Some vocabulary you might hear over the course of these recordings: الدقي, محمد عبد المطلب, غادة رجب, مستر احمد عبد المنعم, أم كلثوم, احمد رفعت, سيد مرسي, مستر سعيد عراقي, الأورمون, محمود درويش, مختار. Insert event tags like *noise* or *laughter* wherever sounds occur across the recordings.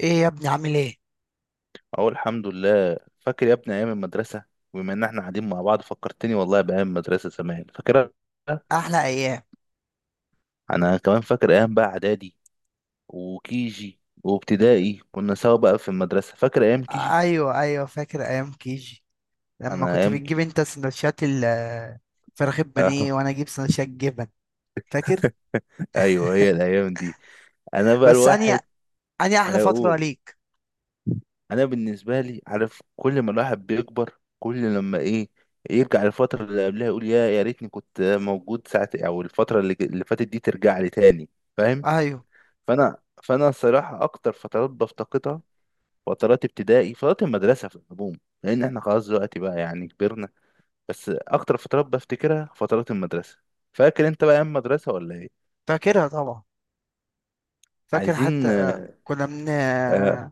ايه يا ابني، عامل ايه؟ اهو الحمد لله. فاكر يا ابني ايام المدرسه؟ بما ان احنا قاعدين مع بعض فكرتني والله بايام المدرسه زمان، فاكرها. احلى ايام. انا كمان فاكر ايام بقى اعدادي وكيجي وابتدائي، كنا سوا بقى في المدرسه. فاكر ايام كيجي؟ ايوه، ايوه، فاكر ايام كيجي. لما انا كنت ايام ك... بتجيب *laughs* انت سندوتشات فراخ البانيه آه. وانا اجيب سندوتشات جبن. فاكر. ايوه هي *laughs* الايام دي. انا بقى بس اني الواحد اني احلى فتره اقول، ليك. انا بالنسبه لي عارف، كل ما الواحد بيكبر كل لما ايه، يرجع للفتره اللي قبلها يقول يا ريتني كنت موجود ساعه، او الفتره اللي فاتت دي ترجع لي تاني، فاهم؟ ايوه، فانا فانا الصراحه اكتر فترات بفتقدها، فترات ابتدائي، فترات المدرسه في العموم، لان احنا خلاص دلوقتي بقى يعني كبرنا. بس اكتر فترات بفتكرها فترات المدرسه. فاكر انت بقى ايام المدرسه ولا ايه؟ فاكرها طبعا. فاكر حتى عايزين آه. كنا من. آه،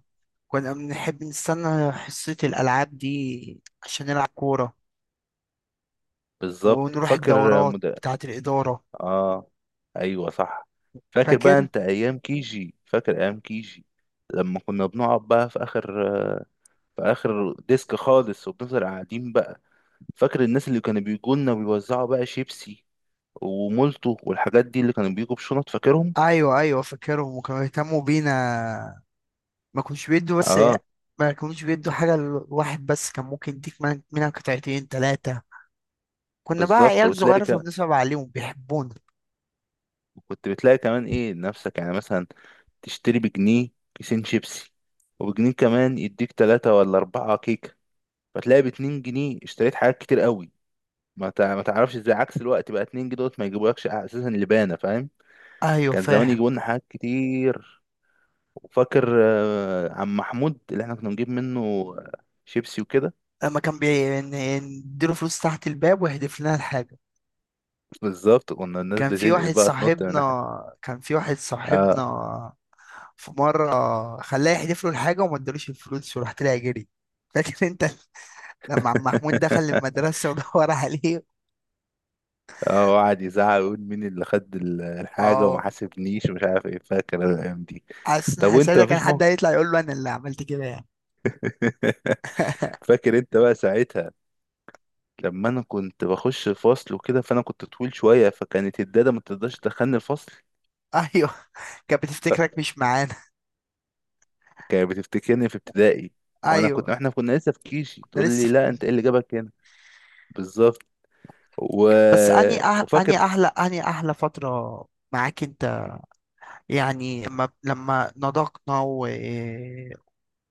كنا بنحب نستنى حصه الالعاب دي عشان نلعب كوره، بالظبط. ونروح فاكر الدورات مد... بتاعه الاداره. اه، ايوه صح. فاكر بقى فاكر. انت ايام كيجي؟ فاكر ايام كيجي لما كنا بنقعد بقى في اخر، في اخر ديسك خالص، وبنفضل قاعدين بقى. فاكر الناس اللي كانوا بيجوا لنا ويوزعوا بقى شيبسي ومولتو والحاجات دي، اللي كانوا بيجوا بشنط، فاكرهم؟ ايوه، ايوه، فاكرهم وكانوا يهتموا بينا. ما كانوش بيدوا بس. اه ما كانوش بيدوا حاجة لواحد بس، كان ممكن يديك منها قطعتين تلاتة. كنا بقى بالظبط. عيال وتلاقي صغيرة ك... فبنصعب عليهم بيحبونا. كنت بتلاقي كمان ايه، نفسك يعني مثلا تشتري بجنيه كيسين شيبسي، وبجنيه كمان يديك تلاتة ولا أربعة كيكة، فتلاقي باتنين جنيه اشتريت حاجات كتير قوي. ما تعرفش ازاي، عكس الوقت بقى اتنين جنيه دوت ما يجيبولكش اساسا لبانة، فاهم؟ أيوه كان زمان فاهم. يجيبوا لنا حاجات كتير. وفاكر عم محمود اللي احنا كنا بنجيب منه آه، شيبسي وكده؟ لما كان نديله فلوس تحت الباب ويحدف لنا الحاجة. بالظبط، كنا الناس كان في بتنقل واحد بقى، تنط من ناحية. صاحبنا كان في واحد صاحبنا. آه، في مرة خلاه يحدف له الحاجة وما ادالوش الفلوس وراح طلع جري. فاكر انت لما عم محمود دخل *laughs* المدرسة ودور عليه؟ اه، وقعد يزعق ويقول مين اللي خد الحاجة وما اه. حاسبنيش ومش عارف ايه، فاكر انا الايام دي. حاسس ان طب وانت حسادة كان مفيش حد موقف؟ هيطلع يقول له انا اللي عملت كده يعني. *laughs* فاكر انت بقى ساعتها لما انا كنت بخش الفصل وكده، فانا كنت طويل شوية، فكانت الدادة ما تقدرش تدخلني الفصل، ايوه. كانت بتفتكرك مش معانا. كانت بتفتكرني في ابتدائي، *laughs* وانا كنت، ايوه. احنا كنا لسه في كيشي، كنا تقول لسه. لي لا انت ايه اللي جابك هنا. بالظبط. و... بس اني أه... وفاكر، اني احلى اني احلى فتره معاك انت. يعني لما نضجنا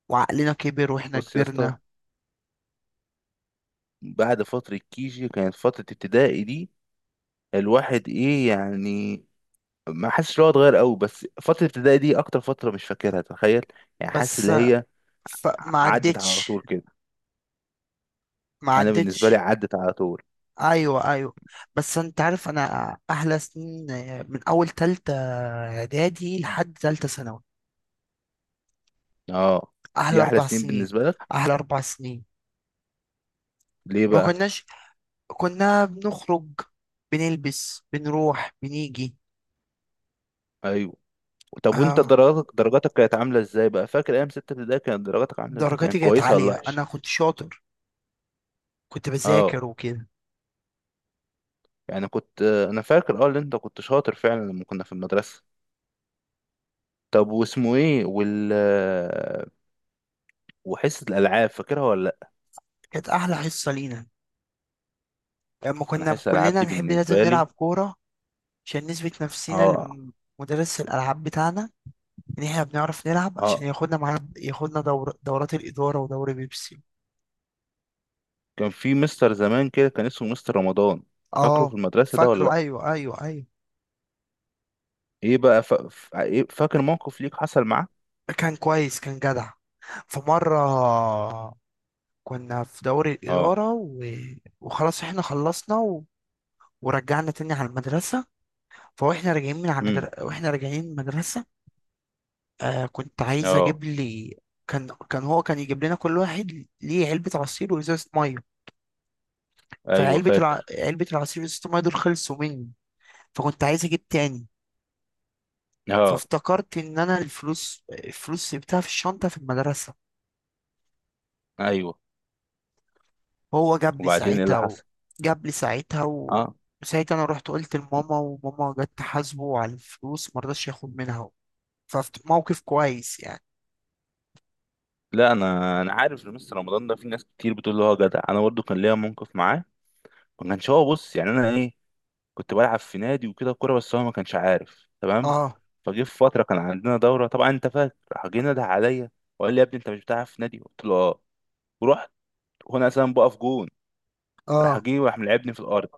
وعقلنا كبر واحنا بص يا اسطى، كبرنا. بعد فترة كيجي كانت فترة ابتدائي دي، الواحد ايه يعني ما حاسس ان هو اتغير قوي، بس فتره الابتدائي دي اكتر فتره مش فاكرها، تخيل. يعني حاسس بس اللي هي ف... ع- ما عدت على عدتش طول كده. ما انا بالنسبه لي عدتش عدت على طول. ايوه، ايوه. بس انت عارف انا احلى سنين من اول تالتة اعدادي لحد تالتة ثانوي. اه، احلى دي احلى اربع سنين سنين بالنسبه لك؟ احلى اربع سنين. ليه ما بقى؟ كناش. كنا بنخرج، بنلبس، بنروح، بنيجي. ايوه. طب وانت اه، درجاتك، درجاتك كانت عامله ازاي بقى؟ فاكر ايام سته ابتدائي كانت درجاتك عامله ازاي؟ درجاتي كانت كانت كويسه ولا عالية، وحشه؟ أنا كنت شاطر. كنت اه، بذاكر وكده. يعني كنت انا فاكر اه ان انت كنت شاطر فعلا لما كنا في المدرسه. طب واسمه ايه وال، وحصه الالعاب فاكرها ولا لا؟ كانت أحلى حصة لينا لما انا كنا حصه الالعاب كلنا دي نحب، لازم بالنسبه لي نلعب كورة عشان نثبت نفسينا اه. لمدرس الألعاب بتاعنا إن إحنا بنعرف نلعب، عشان اه، ياخدنا معانا، ياخدنا دورات الإدارة ودوري بيبسي. كان في مستر زمان كده كان اسمه مستر رمضان، فاكره في اه المدرسة ده ولا لأ؟ فاكره، أيوه، أيوه، أيوه. ايه بقى ف... ف... إيه، فاكر موقف ليك حصل معاه؟ كان كويس، كان جدع. في مرة كنا في دوري اه. الإدارة وخلاص إحنا خلصنا ورجعنا تاني على المدرسة. فواحنا راجعين من على امم. مدر... واحنا راجعين من المدرسة. كنت عايز اه، اجيب لي. كان هو كان يجيب لنا كل واحد ليه علبة عصير وازازة مية. ايوه فاكر. علبة العصير وازازة المية دول خلصوا مني، فكنت عايز اجيب تاني. اه، فافتكرت ان انا الفلوس سبتها في الشنطة في المدرسة. ايوه. هو جاب لي وبعدين ايه اللي ساعتها و... حصل؟ جاب لي ساعتها و... اه. وساعتها انا رحت قلت لماما، وماما جت تحاسبه على الفلوس مرضاش ياخد منها. فموقف كويس يعني. لا، انا انا عارف إن مستر رمضان ده في ناس كتير بتقول له هو جدع. انا برضو كان ليا موقف معاه. ما كانش هو بص، يعني انا ايه، كنت بلعب في نادي وكده كوره، بس هو ما كانش عارف تمام. اه، فجه في فتره كان عندنا دوره، طبعا انت فاكر، راح جه نده عليا وقال لي يا ابني انت مش بتلعب في نادي؟ قلت له اه. ورحت، وانا اساسا بقف جون، راح اه، جه وراح ملعبني في الارض.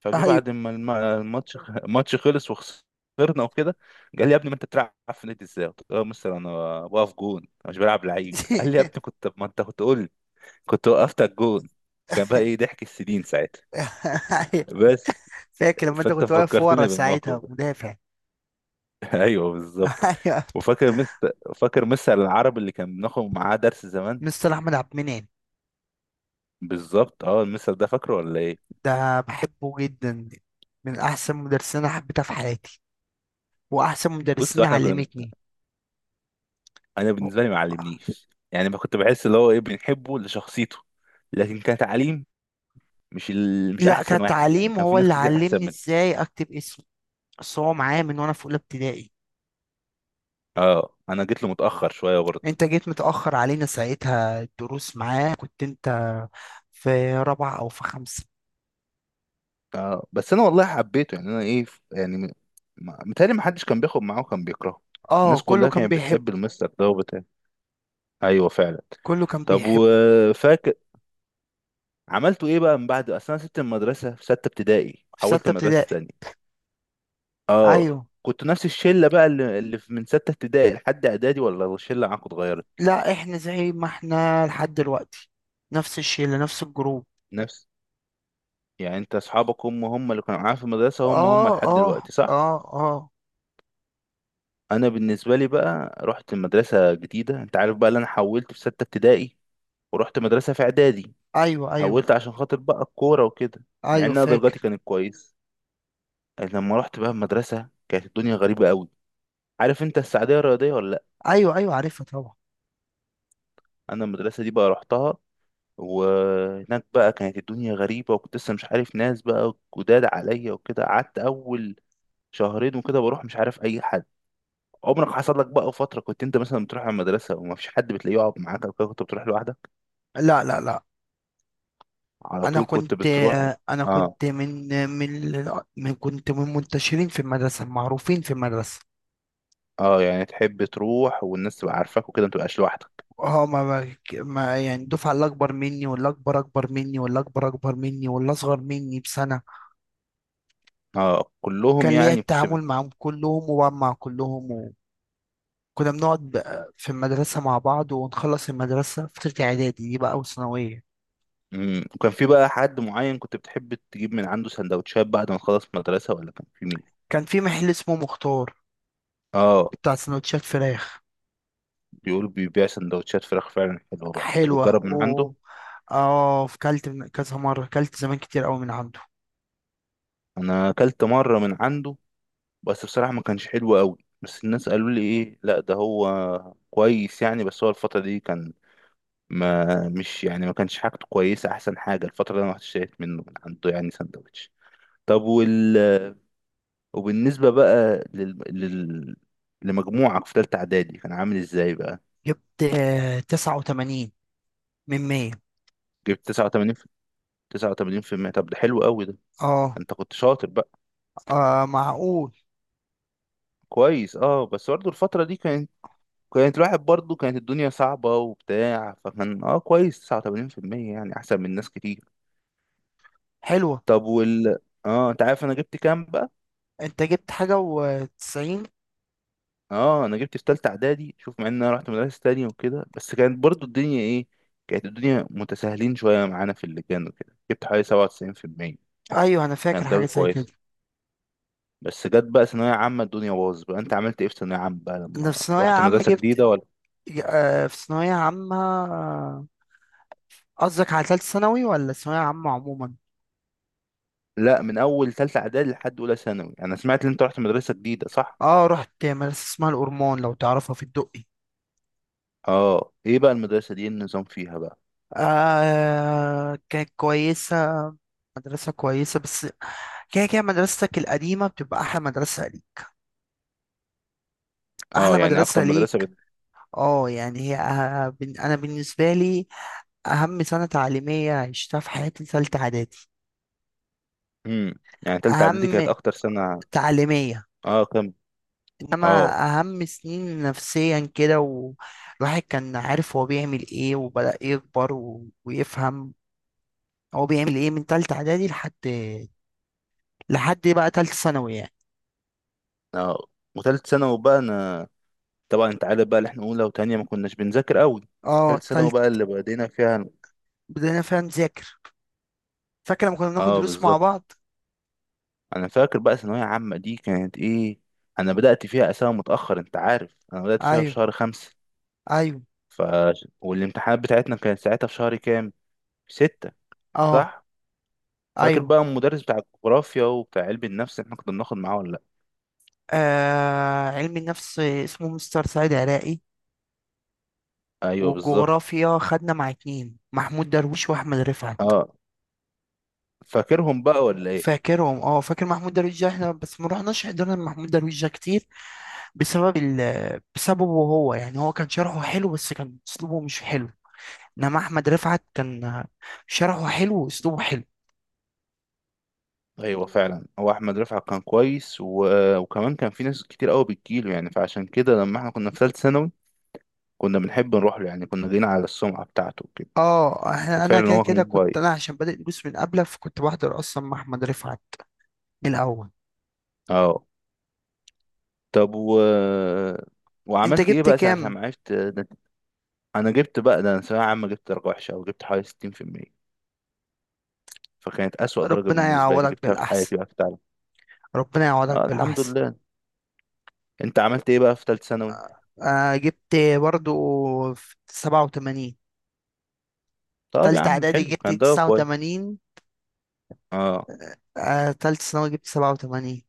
فجه ايوه. بعد ما الماتش خلص وخسرنا وكده، قال لي يا ابني ما انت بتلعب في نادي ازاي؟ قلت له يا مستر انا واقف جون، انا مش بلعب لعيب. قال لي يا ابني *laughs* كنت، ما انت كنت قول لي كنت وقفت على الجون. كان بقى ايه *laughs* ضحك السنين ساعتها. أيوة. بس فاكر لما انت فانت كنت واقف ورا فكرتني بالموقف ساعتها ده. مدافع. *laughs* ايوه بالظبط. *laughs* ايوه. وفاكر مستر، فاكر مستر العربي اللي كان بناخد معاه درس زمان؟ مستر احمد عبد المنعم؟ بالظبط، اه المستر ده فاكره ولا ايه؟ ده بحبه جدا. من احسن مدرسين انا حبيتها في حياتي، واحسن بص مدرسين احنا كنا، علمتني. انا بالنسبه لي ما علمنيش يعني، ما كنت بحس اللي هو ايه بنحبه لشخصيته، لكن كتعليم مش لا، احسن واحد يعني، كتعليم كان في هو ناس اللي كتير احسن علمني منه. ازاي اكتب اسمي. بس هو معايا من وانا في اولى ابتدائي. اه انا جيت له متاخر شويه برضه. انت جيت متاخر علينا، ساعتها الدروس معاه كنت انت في رابعه او في خمسه. اه بس انا والله حبيته يعني انا ايه، يعني متهيألي ما حدش كان بياخد معاه وكان بيكرهه. اه الناس كله كلها كان كانت بيحبه. بتحب المستر ده وبتاع. ايوه فعلا. كله كان طب بيحبه. وفاكر، عملتوا ايه بقى من بعد؟ اصل انا سبت المدرسه في سته ابتدائي، في حولت سته مدرسه ابتدائي. تانية. اه. ايوه. كنت نفس الشله بقى اللي من سته ابتدائي لحد اعدادي، ولا الشله معاك اتغيرت؟ لا احنا زي ما احنا لحد دلوقتي. نفس الشله، نفس الجروب. نفس. يعني انت اصحابك هم هم اللي كانوا معاك في المدرسه هم هم اه، لحد اه، دلوقتي، صح؟ اه، اه. انا بالنسبه لي بقى رحت مدرسه جديده، انت عارف بقى اللي انا حولت في سته ابتدائي، ورحت مدرسه في اعدادي، ايوه، ايوه، حولت عشان خاطر بقى الكوره وكده، مع ان ايوه، انا درجاتي فاكر. كانت كويس. لما رحت بقى المدرسه كانت الدنيا غريبه قوي. عارف انت السعوديه الرياضيه ولا لا؟ ايوه، ايوه، عارفها طبعا. انا المدرسه دي بقى رحتها، وهناك بقى كانت الدنيا غريبة، وكنت لسه مش عارف ناس بقى جداد عليا وكده، قعدت أول شهرين وكده بروح مش عارف أي حد. عمرك حصل لك بقى فترة كنت أنت مثلا بتروح على المدرسة وما فيش حد بتلاقيه يقعد معاك أو كده، كنت بتروح لوحدك، لا، لا، لا. على انا طول كنت كنت بتروح؟ انا آه. كنت من من من كنت من منتشرين في المدرسه، معروفين في المدرسه. آه، يعني تحب تروح والناس تبقى عارفاك وكده ما تبقاش لوحدك. اه، ما ما، يعني الدفعه اللي اكبر مني، واللي اكبر اكبر مني، واللي اكبر اكبر مني، واللي اصغر مني بسنه، آه كلهم، كان ليا يعني كنت ب... التعامل معهم كلهم وبقى مع كلهم. كنا بنقعد بقى في المدرسة مع بعض، ونخلص المدرسة فترة إعدادي دي بقى وثانوية. مم. وكان في بقى حد معين كنت بتحب تجيب من عنده سندوتشات بعد ما تخلص مدرسة، ولا كان في مين؟ كان في محل اسمه مختار، اه، بتاع سندوتشات فراخ. بيقول بيبيع سندوتشات فراخ فعلا حلوة بقى كنت حلوة بتجرب من و. عنده؟ اه كلت كذا مرة كلت زمان كتير أوي من عنده. انا اكلت مرة من عنده، بس بصراحة ما كانش حلو قوي، بس الناس قالوا لي ايه لا ده هو كويس يعني، بس هو الفترة دي كان ما مش يعني، ما كانش حاجته كويسة احسن حاجة الفترة اللي انا رحت اشتريت منه من عنده يعني سندوتش. طب وال، وبالنسبة بقى لمجموعك في تالتة اعدادي كان عامل ازاي بقى؟ جبت 89 من 100. جبت 89 في 89%؟ طب ده حلو قوي ده، اه، انت كنت شاطر بقى، معقول. كويس. اه بس برضه الفترة دي كانت، كانت الواحد برضه كانت الدنيا صعبة وبتاع، فكان اه كويس 89% يعني أحسن من ناس كتير. حلوة. طب وال، اه أنت عارف أنا جبت كام بقى؟ انت جبت حاجة وتسعين. اه أنا جبت في تالتة إعدادي، شوف مع إن أنا رحت مدرسة تانية وكده، بس كانت برضه الدنيا إيه؟ كانت الدنيا متساهلين شوية معانا في اللجان وكده، جبت حوالي 97%. أيوه أنا فاكر كانت حاجة درجة زي كده. كويسة. بس جت بقى ثانوية عامة الدنيا باظت بقى. أنت عملت إيه في ثانوية عامة بقى أنا في لما ثانوية رحت عامة مدرسة جبت. جديدة ولا؟ في ثانوية عامة. قصدك على تالتة ثانوي ولا ثانوية عامة عموما؟ لا، من أول تالتة إعدادي لحد أولى ثانوي أنا سمعت إن أنت رحت مدرسة جديدة، صح؟ اه رحت مدرسة اسمها الأورمون لو تعرفها في الدقي. اه، ايه بقى المدرسة دي، إيه النظام فيها بقى؟ كانت كويسة. مدرسة كويسة، بس كده كده مدرستك القديمة بتبقى أحلى مدرسة ليك. أحلى اه يعني مدرسة اكتر مدرسة ليك. اه يعني هي أنا بالنسبة لي أهم سنة تعليمية عشتها في حياتي تالتة إعدادي. مم. يعني تالتة اعدادي أهم كانت اكتر سنة؟ تعليمية اه كم. إنما اه. أهم سنين نفسيا كده، والواحد كان عارف هو بيعمل إيه وبدأ يكبر ويفهم هو بيعمل ايه من تالتة اعدادي لحد بقى تالتة ثانوي يعني. اه، وتالت ثانوي بقى انا، طبعا انت عارف بقى اللي احنا اولى وتانية ما كناش بنذاكر قوي، اه تالت ثانوي تالت. بقى اللي بدينا فيها. بدأنا فعلا نذاكر. فاكر لما كنا بناخد اه دروس مع بالظبط. بعض. انا فاكر بقى ثانوية عامة دي كانت ايه، انا بدأت فيها اساسا متأخر، انت عارف انا بدأت فيها في ايوه، شهر خمسة. ايوه، ف، والامتحانات بتاعتنا كانت ساعتها في شهر كام؟ في ستة؟ اه صح. فاكر ايوه. بقى المدرس بتاع الجغرافيا وبتاع علم النفس احنا كنا بناخد معاه ولا؟ علم النفس اسمه مستر سعيد عراقي. ايوه بالظبط. والجغرافيا خدنا مع اتنين: محمود درويش واحمد رفعت. اه، فاكرهم بقى ولا ايه؟ فاكرهم، اه فاكر محمود درويش ده احنا بس ما رحناش، حضرنا محمود درويش ده كتير بسبب بسببه هو، يعني هو كان شرحه حلو بس كان اسلوبه مش حلو. انما احمد رفعت كان شرحه حلو واسلوبه حلو. ايوه فعلا، هو احمد رفعت كان كويس، و... وكمان كان في ناس كتير قوي بتجيله يعني، فعشان كده لما احنا كنا في ثالثه ثانوي كنا بنحب نروح له، يعني كنا جايين على السمعه بتاعته كده. اه احنا انا ففعلا كده هو كده، كان كنت كويس. انا عشان بادئ دروس من قبله، فكنت بحضر اصلا مع احمد رفعت من الاول. اه، طب و، انت وعملت ايه جبت بقى ساعه كام؟ لما عرفت ده؟ انا جبت بقى ده، انا ثانويه عامه جبت درجه وحشه، او جبت حوالي 60%، فكانت اسوأ درجه ربنا بالنسبه لي يعوضك جبتها في بالاحسن. حياتي بقى في التعليم. ربنا يعوضك اه الحمد بالاحسن. لله. انت عملت ايه بقى في ثالثه ثانوي؟ جبت برضو في 87. طب يا تالتة عم اعدادي حلو جبت كان ده، كويس. 89. اه، تالتة ثانوي جبت 87.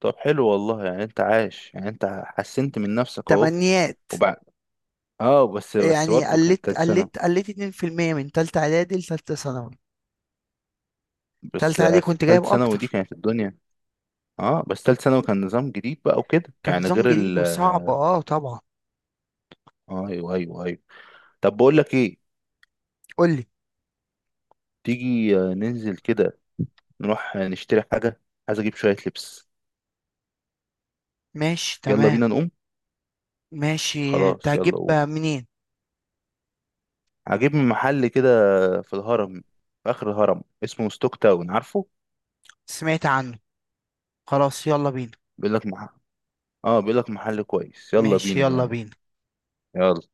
طب حلو والله، يعني انت عايش يعني انت حسنت من نفسك اهو. تمنيات. وبعد، اه بس بس يعني برضه كان قلت تالت سنة، قلت قلت 2% من تالتة اعدادي لتالتة ثانوي. بس تالتة اعدادي في كنت جايب تالت سنة ودي اكتر. كانت الدنيا، اه بس تالت سنة وكان نظام جديد بقى وكده، كان يعني نظام غير جديد ال وصعب، اه طبعا. ايوه ايوه ايوه. طب بقول لك ايه، قولي. تيجي ننزل كده، نروح نشتري حاجة، عايز اجيب شوية لبس. ماشي يلا تمام. بينا نقوم. ماشي، انت خلاص يلا هتجيب قوم. منين؟ هجيب من محل كده في الهرم، في اخر الهرم، اسمه ستوك تاون، عارفه؟ سمعت عنه. خلاص يلا بينا. بيقول لك مح... اه بيقول لك محل كويس، يلا ماشي بينا بقى يلا نقوم، بينا. يلا.